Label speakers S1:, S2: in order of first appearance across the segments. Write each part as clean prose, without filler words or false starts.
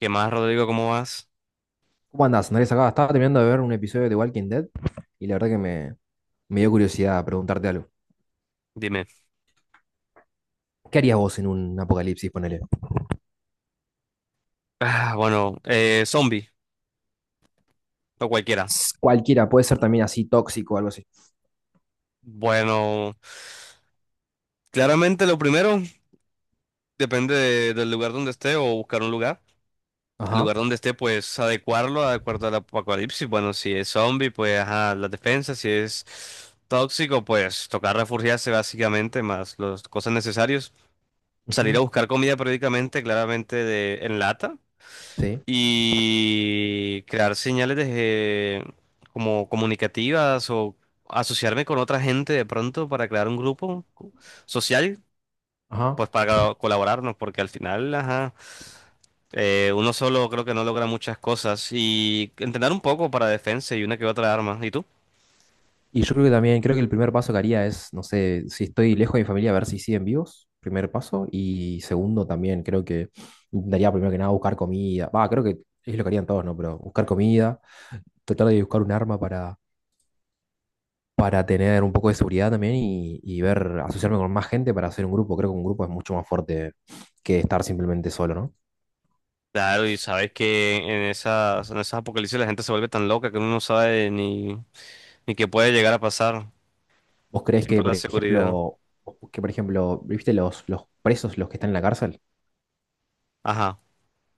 S1: ¿Qué más, Rodrigo? ¿Cómo vas?
S2: ¿Cómo andás, Andrés? Acá estaba terminando de ver un episodio de Walking Dead y la verdad que me dio curiosidad preguntarte algo.
S1: Dime.
S2: ¿Qué harías vos en un apocalipsis, ponele?
S1: Ah, bueno, zombie o cualquiera.
S2: Cualquiera, puede ser también así tóxico o algo así.
S1: Bueno, claramente lo primero depende del lugar donde esté o buscar un lugar. El
S2: Ajá.
S1: lugar donde esté, pues adecuarlo, adecuarlo al apocalipsis. Bueno, si es zombie, pues ajá, las defensas. Si es tóxico, pues tocar refugiarse básicamente, más las cosas necesarias. Salir a
S2: Ujú.
S1: buscar comida periódicamente, claramente de, en lata,
S2: Sí.
S1: y crear señales de, como comunicativas o asociarme con otra gente de pronto para crear un grupo social,
S2: Ajá.
S1: pues para colaborarnos, porque al final, ajá, uno solo creo que no logra muchas cosas, y entrenar un poco para defensa y una que otra arma. ¿Y tú?
S2: Y yo creo que también, creo que el primer paso que haría es, no sé, si estoy lejos de mi familia, a ver si siguen vivos, primer paso. Y segundo, también creo que intentaría primero que nada buscar comida. Va, creo que es lo que harían todos, ¿no? Pero buscar comida, tratar de buscar un arma para tener un poco de seguridad también y ver, asociarme con más gente para hacer un grupo. Creo que un grupo es mucho más fuerte que estar simplemente solo, ¿no?
S1: Claro, y sabes que en esas apocalipsis la gente se vuelve tan loca que uno no sabe ni, ni qué puede llegar a pasar.
S2: ¿Vos creés que,
S1: Siempre
S2: por
S1: la seguridad.
S2: ejemplo, que por ejemplo, viste los presos, los que están en la cárcel?
S1: Ajá.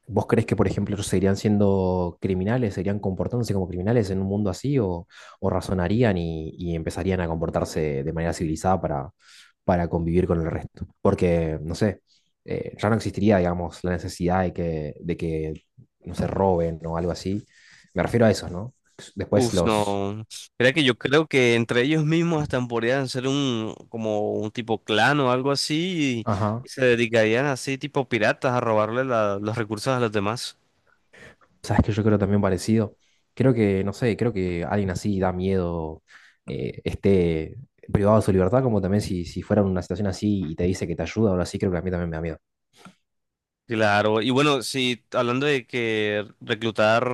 S2: ¿Vos crees que, por ejemplo, ellos seguirían siendo criminales, seguirían comportándose como criminales en un mundo así o razonarían y empezarían a comportarse de manera civilizada para convivir con el resto? Porque, no sé, ya no existiría, digamos, la necesidad de que no se roben o algo así. Me refiero a eso, ¿no? Después
S1: Uf,
S2: los.
S1: no. Mira que yo creo que entre ellos mismos hasta podrían ser un como un tipo clan o algo así,
S2: Ajá.
S1: y se dedicarían así tipo piratas a robarle los recursos a los demás.
S2: Sabes que yo creo también parecido. No sé, creo que alguien así da miedo, esté privado de su libertad, como también si fuera una situación así y te dice que te ayuda, ahora sí creo que a mí también me da miedo.
S1: Claro. Y bueno, si hablando de que reclutar,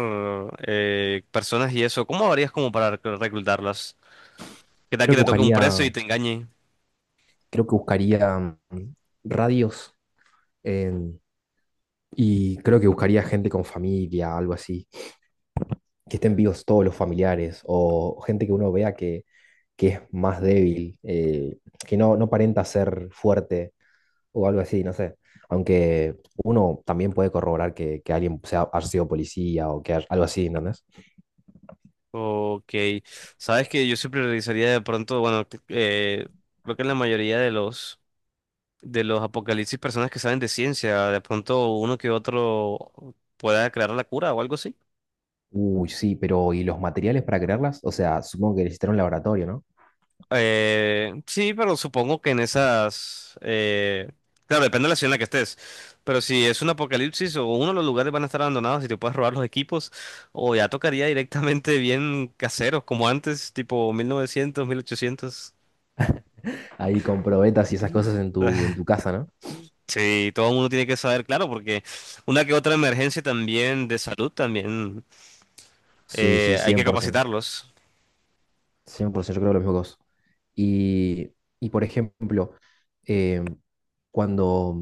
S1: personas y eso, ¿cómo harías como para reclutarlas? ¿Qué tal que
S2: Creo que
S1: te toque un preso
S2: buscaría,
S1: y te engañe?
S2: creo que buscaría mm, radios en- y creo que buscaría gente con familia, algo así, que estén vivos todos los familiares o gente que uno vea que es más débil, que no aparenta ser fuerte o algo así, no sé. Aunque uno también puede corroborar que alguien sea, haya sido policía o algo así, ¿entendés?
S1: Ok. Sabes que yo siempre realizaría de pronto, bueno, creo que en la mayoría de los apocalipsis personas que saben de ciencia, de pronto uno que otro pueda crear la cura o algo así.
S2: Uy, sí, pero ¿y los materiales para crearlas? O sea, supongo que necesitarán un laboratorio, ¿no?
S1: Sí, pero supongo que en esas... claro, depende de la ciudad en la que estés. Pero si es un apocalipsis, o uno de los lugares van a estar abandonados y te puedes robar los equipos, o ya tocaría directamente bien caseros, como antes, tipo 1900, 1800.
S2: Ahí con probetas y esas cosas en tu, en tu casa, ¿no?
S1: Sí, todo el mundo tiene que saber, claro, porque una que otra emergencia también de salud también,
S2: Sí, sí, cien
S1: hay
S2: cien
S1: que
S2: por ciento.
S1: capacitarlos.
S2: Cien por 100%, yo creo lo mismo que vos. Y, y por ejemplo, eh, cuando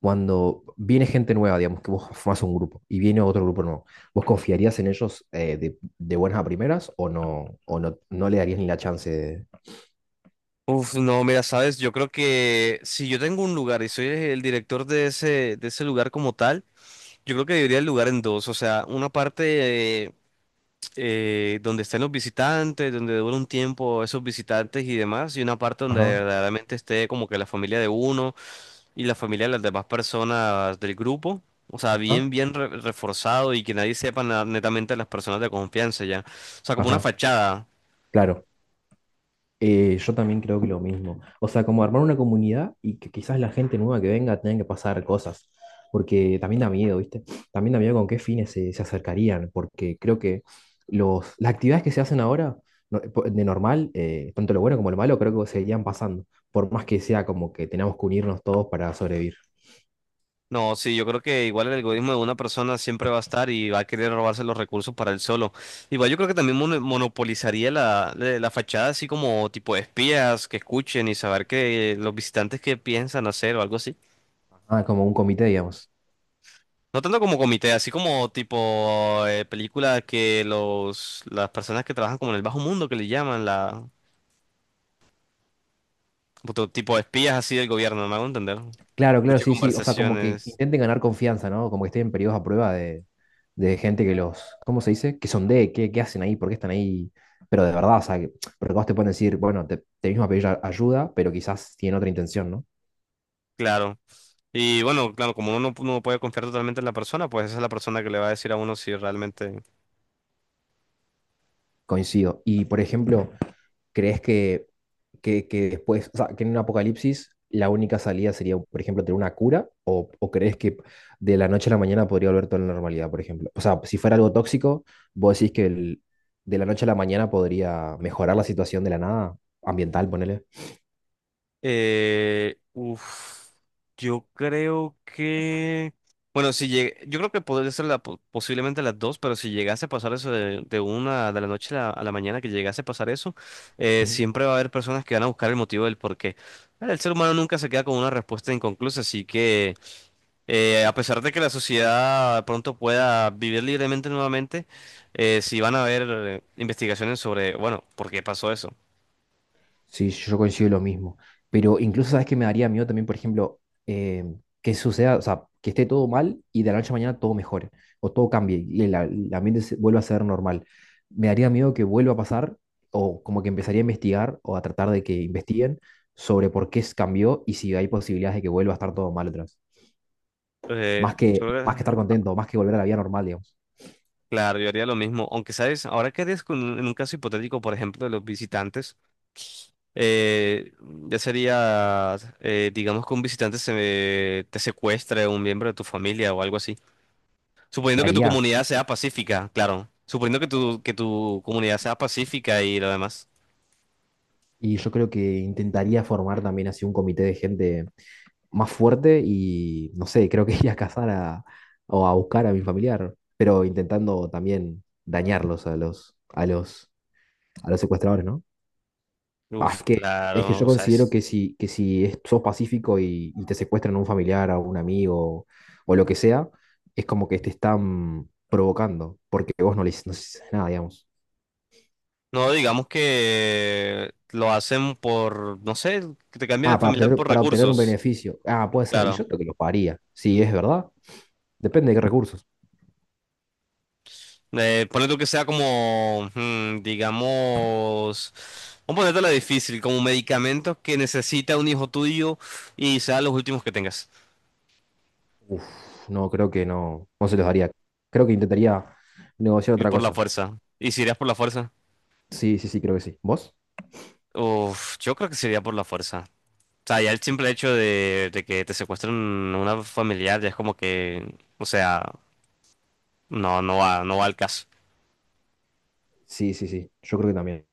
S2: cuando viene gente nueva, digamos, que vos formás un grupo y viene otro grupo nuevo, ¿vos confiarías en ellos, de buenas a primeras o no, no le darías ni la chance de?
S1: Uf, no, mira, sabes, yo creo que si yo tengo un lugar y soy el director de ese lugar como tal, yo creo que dividiría el lugar en dos, o sea, una parte, donde estén los visitantes, donde dure un tiempo esos visitantes y demás, y una parte donde
S2: Ajá,
S1: verdaderamente esté como que la familia de uno y la familia de las demás personas del grupo, o sea, bien,
S2: ajá,
S1: bien reforzado, y que nadie sepa netamente las personas de confianza ya, o sea, como una
S2: ajá.
S1: fachada.
S2: Claro. Yo también creo que lo mismo. O sea, como armar una comunidad y que quizás la gente nueva que venga tenga que pasar cosas. Porque también da miedo, ¿viste? También da miedo con qué fines se acercarían. Porque creo que las actividades que se hacen ahora, de normal, tanto lo bueno como lo malo, creo que seguirían pasando. Por más que sea como que tenemos que unirnos todos para sobrevivir.
S1: No, sí, yo creo que igual el egoísmo de una persona siempre va a estar y va a querer robarse los recursos para él solo. Igual yo creo que también monopolizaría la, la fachada así como tipo de espías que escuchen y saber que los visitantes que piensan hacer o algo así.
S2: Ah, como un comité, digamos.
S1: No tanto como comité, así como tipo película que los las personas que trabajan como en el bajo mundo que le llaman la otro tipo de espías así del gobierno, me hago entender.
S2: Claro, claro,
S1: Escucha
S2: sí, sí. O sea, como que
S1: conversaciones,
S2: intenten ganar confianza, ¿no? Como que estén en periodos a prueba de gente que los, ¿cómo se dice? Que sondee, qué hacen ahí, por qué están ahí. Pero de verdad, o sea, porque vos te pueden decir, bueno, te mismo a pedir ayuda, pero quizás tienen otra intención, ¿no?
S1: claro. Y bueno, claro, como uno no, no puede confiar totalmente en la persona, pues esa es la persona que le va a decir a uno si realmente...
S2: Coincido. Y, por ejemplo, ¿crees que después, o sea, que en un apocalipsis la única salida sería, por ejemplo, tener una cura? O crees que de la noche a la mañana podría volver toda la normalidad, por ejemplo? O sea, si fuera algo tóxico, vos decís que de la noche a la mañana podría mejorar la situación de la nada ambiental, ponele.
S1: Eh, uf, yo creo que... Bueno, si llegue, yo creo que podría ser la, posiblemente las dos, pero si llegase a pasar eso de una de la noche a la mañana, que llegase a pasar eso,
S2: Ujú.
S1: siempre va a haber personas que van a buscar el motivo del por qué. El ser humano nunca se queda con una respuesta inconclusa, así que... a pesar de que la sociedad pronto pueda vivir libremente nuevamente, sí van a haber investigaciones sobre, bueno, ¿por qué pasó eso?
S2: Sí, yo coincido lo mismo. Pero incluso, ¿sabes que me daría miedo también, por ejemplo, eh, que suceda, o sea, que esté todo mal y de la noche a mañana todo mejore o todo cambie y el ambiente vuelva a ser normal? Me daría miedo que vuelva a pasar o como que empezaría a investigar o a tratar de que investiguen sobre por qué se cambió y si hay posibilidades de que vuelva a estar todo mal otra vez.
S1: Eh,
S2: Más
S1: yo
S2: que,
S1: creo
S2: más que estar
S1: que-
S2: contento, más que volver a la vida normal, digamos.
S1: claro, yo haría lo mismo, aunque, ¿sabes? Ahora, ¿qué harías con, en un caso hipotético, por ejemplo, de los visitantes? Eh, ya sería, digamos que un visitante se, te secuestre un miembro de tu familia o algo así.
S2: ¿Qué
S1: Suponiendo que tu
S2: haría?
S1: comunidad sea pacífica, claro. Suponiendo que tu comunidad sea pacífica y lo demás.
S2: Y yo creo que intentaría formar también así un comité de gente más fuerte y no sé, creo que ir a cazar o a buscar a mi familiar, pero intentando también dañarlos a los secuestradores, ¿no? Ah,
S1: Uf,
S2: es que yo
S1: claro,
S2: considero
S1: ¿sabes?
S2: que si sos pacífico y te secuestran a un familiar, a un amigo o lo que sea, es como que te están provocando, porque vos no le hiciste nada, digamos.
S1: No, digamos que lo hacen por, no sé, que te cambian el
S2: Ah,
S1: familiar por
S2: para obtener un
S1: recursos,
S2: beneficio. Ah, puede ser. Y
S1: claro.
S2: yo creo que los pagaría. Sí, es verdad. Depende de qué recursos.
S1: Ponle tú que sea como, digamos, vamos a ponértela difícil, como medicamentos que necesita un hijo tuyo y sean los últimos que tengas.
S2: Uf, no, creo que no se los daría. Creo que intentaría negociar
S1: Y
S2: otra
S1: por la
S2: cosa.
S1: fuerza. ¿Y si irías por la fuerza?
S2: Sí, sí, sí, creo que sí. ¿Vos?
S1: Uf, yo creo que sería por la fuerza. O sea, ya el simple hecho de que te secuestren una familiar ya es como que, o sea, no, no va, no va al caso,
S2: Sí, sí, sí, yo creo que también.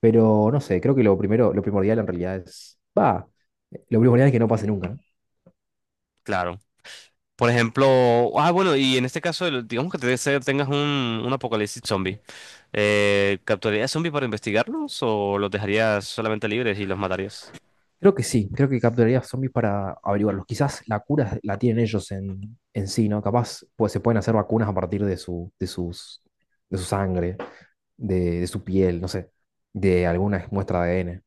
S2: Pero no sé, creo que lo primero, lo primordial en realidad es, va, lo primordial es que no pase nunca, ¿no?
S1: claro. Por ejemplo, ah, bueno, y en este caso, digamos que tengas un apocalipsis zombie, ¿capturarías zombies para investigarlos o los dejarías solamente libres y los matarías?
S2: Creo que sí, creo que capturaría zombies para averiguarlos. Quizás la cura la tienen ellos en sí, ¿no? Capaz pues, se pueden hacer vacunas a partir de su sangre, de su piel, no sé, de alguna muestra de ADN.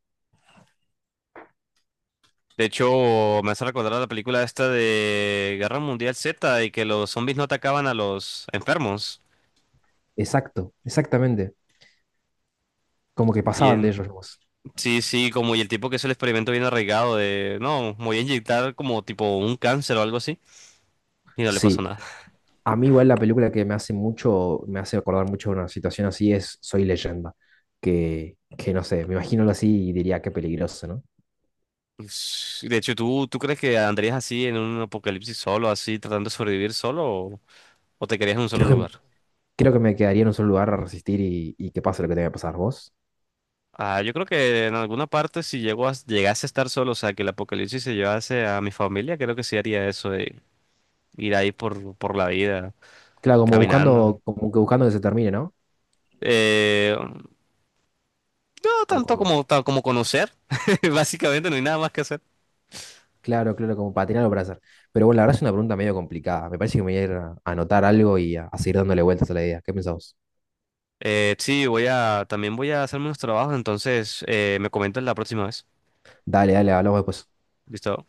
S1: De hecho, me hace recordar a la película esta de Guerra Mundial Z, y que los zombies no atacaban a los enfermos.
S2: Exacto, exactamente. Como que pasaban de ellos
S1: Bien,
S2: nomás.
S1: sí, sí, como y el tipo que hizo el experimento bien arraigado de, no, me voy a inyectar como tipo un cáncer o algo así, y no le pasó
S2: Sí,
S1: nada.
S2: a mí igual la película que me hace acordar mucho de una situación así es Soy Leyenda, que no sé, me imagino así y diría qué peligroso, ¿no?
S1: Ush, de hecho, ¿tú, tú crees que andarías así en un apocalipsis solo, así tratando de sobrevivir solo, o te quedarías en un solo
S2: Creo que,
S1: lugar?
S2: creo que me quedaría en un solo lugar a resistir y que pase lo que tenga que pasar vos.
S1: Ah, yo creo que en alguna parte si llego a, llegase a estar solo, o sea, que el apocalipsis se llevase a mi familia, creo que sí haría eso de ir ahí por la vida,
S2: Claro, como
S1: caminando.
S2: buscando, como que buscando que se termine, ¿no?
S1: No
S2: O
S1: tanto
S2: como,
S1: como, como conocer, básicamente no hay nada más que hacer.
S2: claro, claro, como para tener algo para hacer. Pero bueno, la verdad es una pregunta medio complicada. Me parece que me voy a ir a anotar algo y a seguir dándole vueltas a la idea. ¿Qué pensás vos?
S1: Sí, voy a, también voy a hacerme unos trabajos, entonces me comentas la próxima vez.
S2: Dale, dale, hablamos después.
S1: ¿Listo?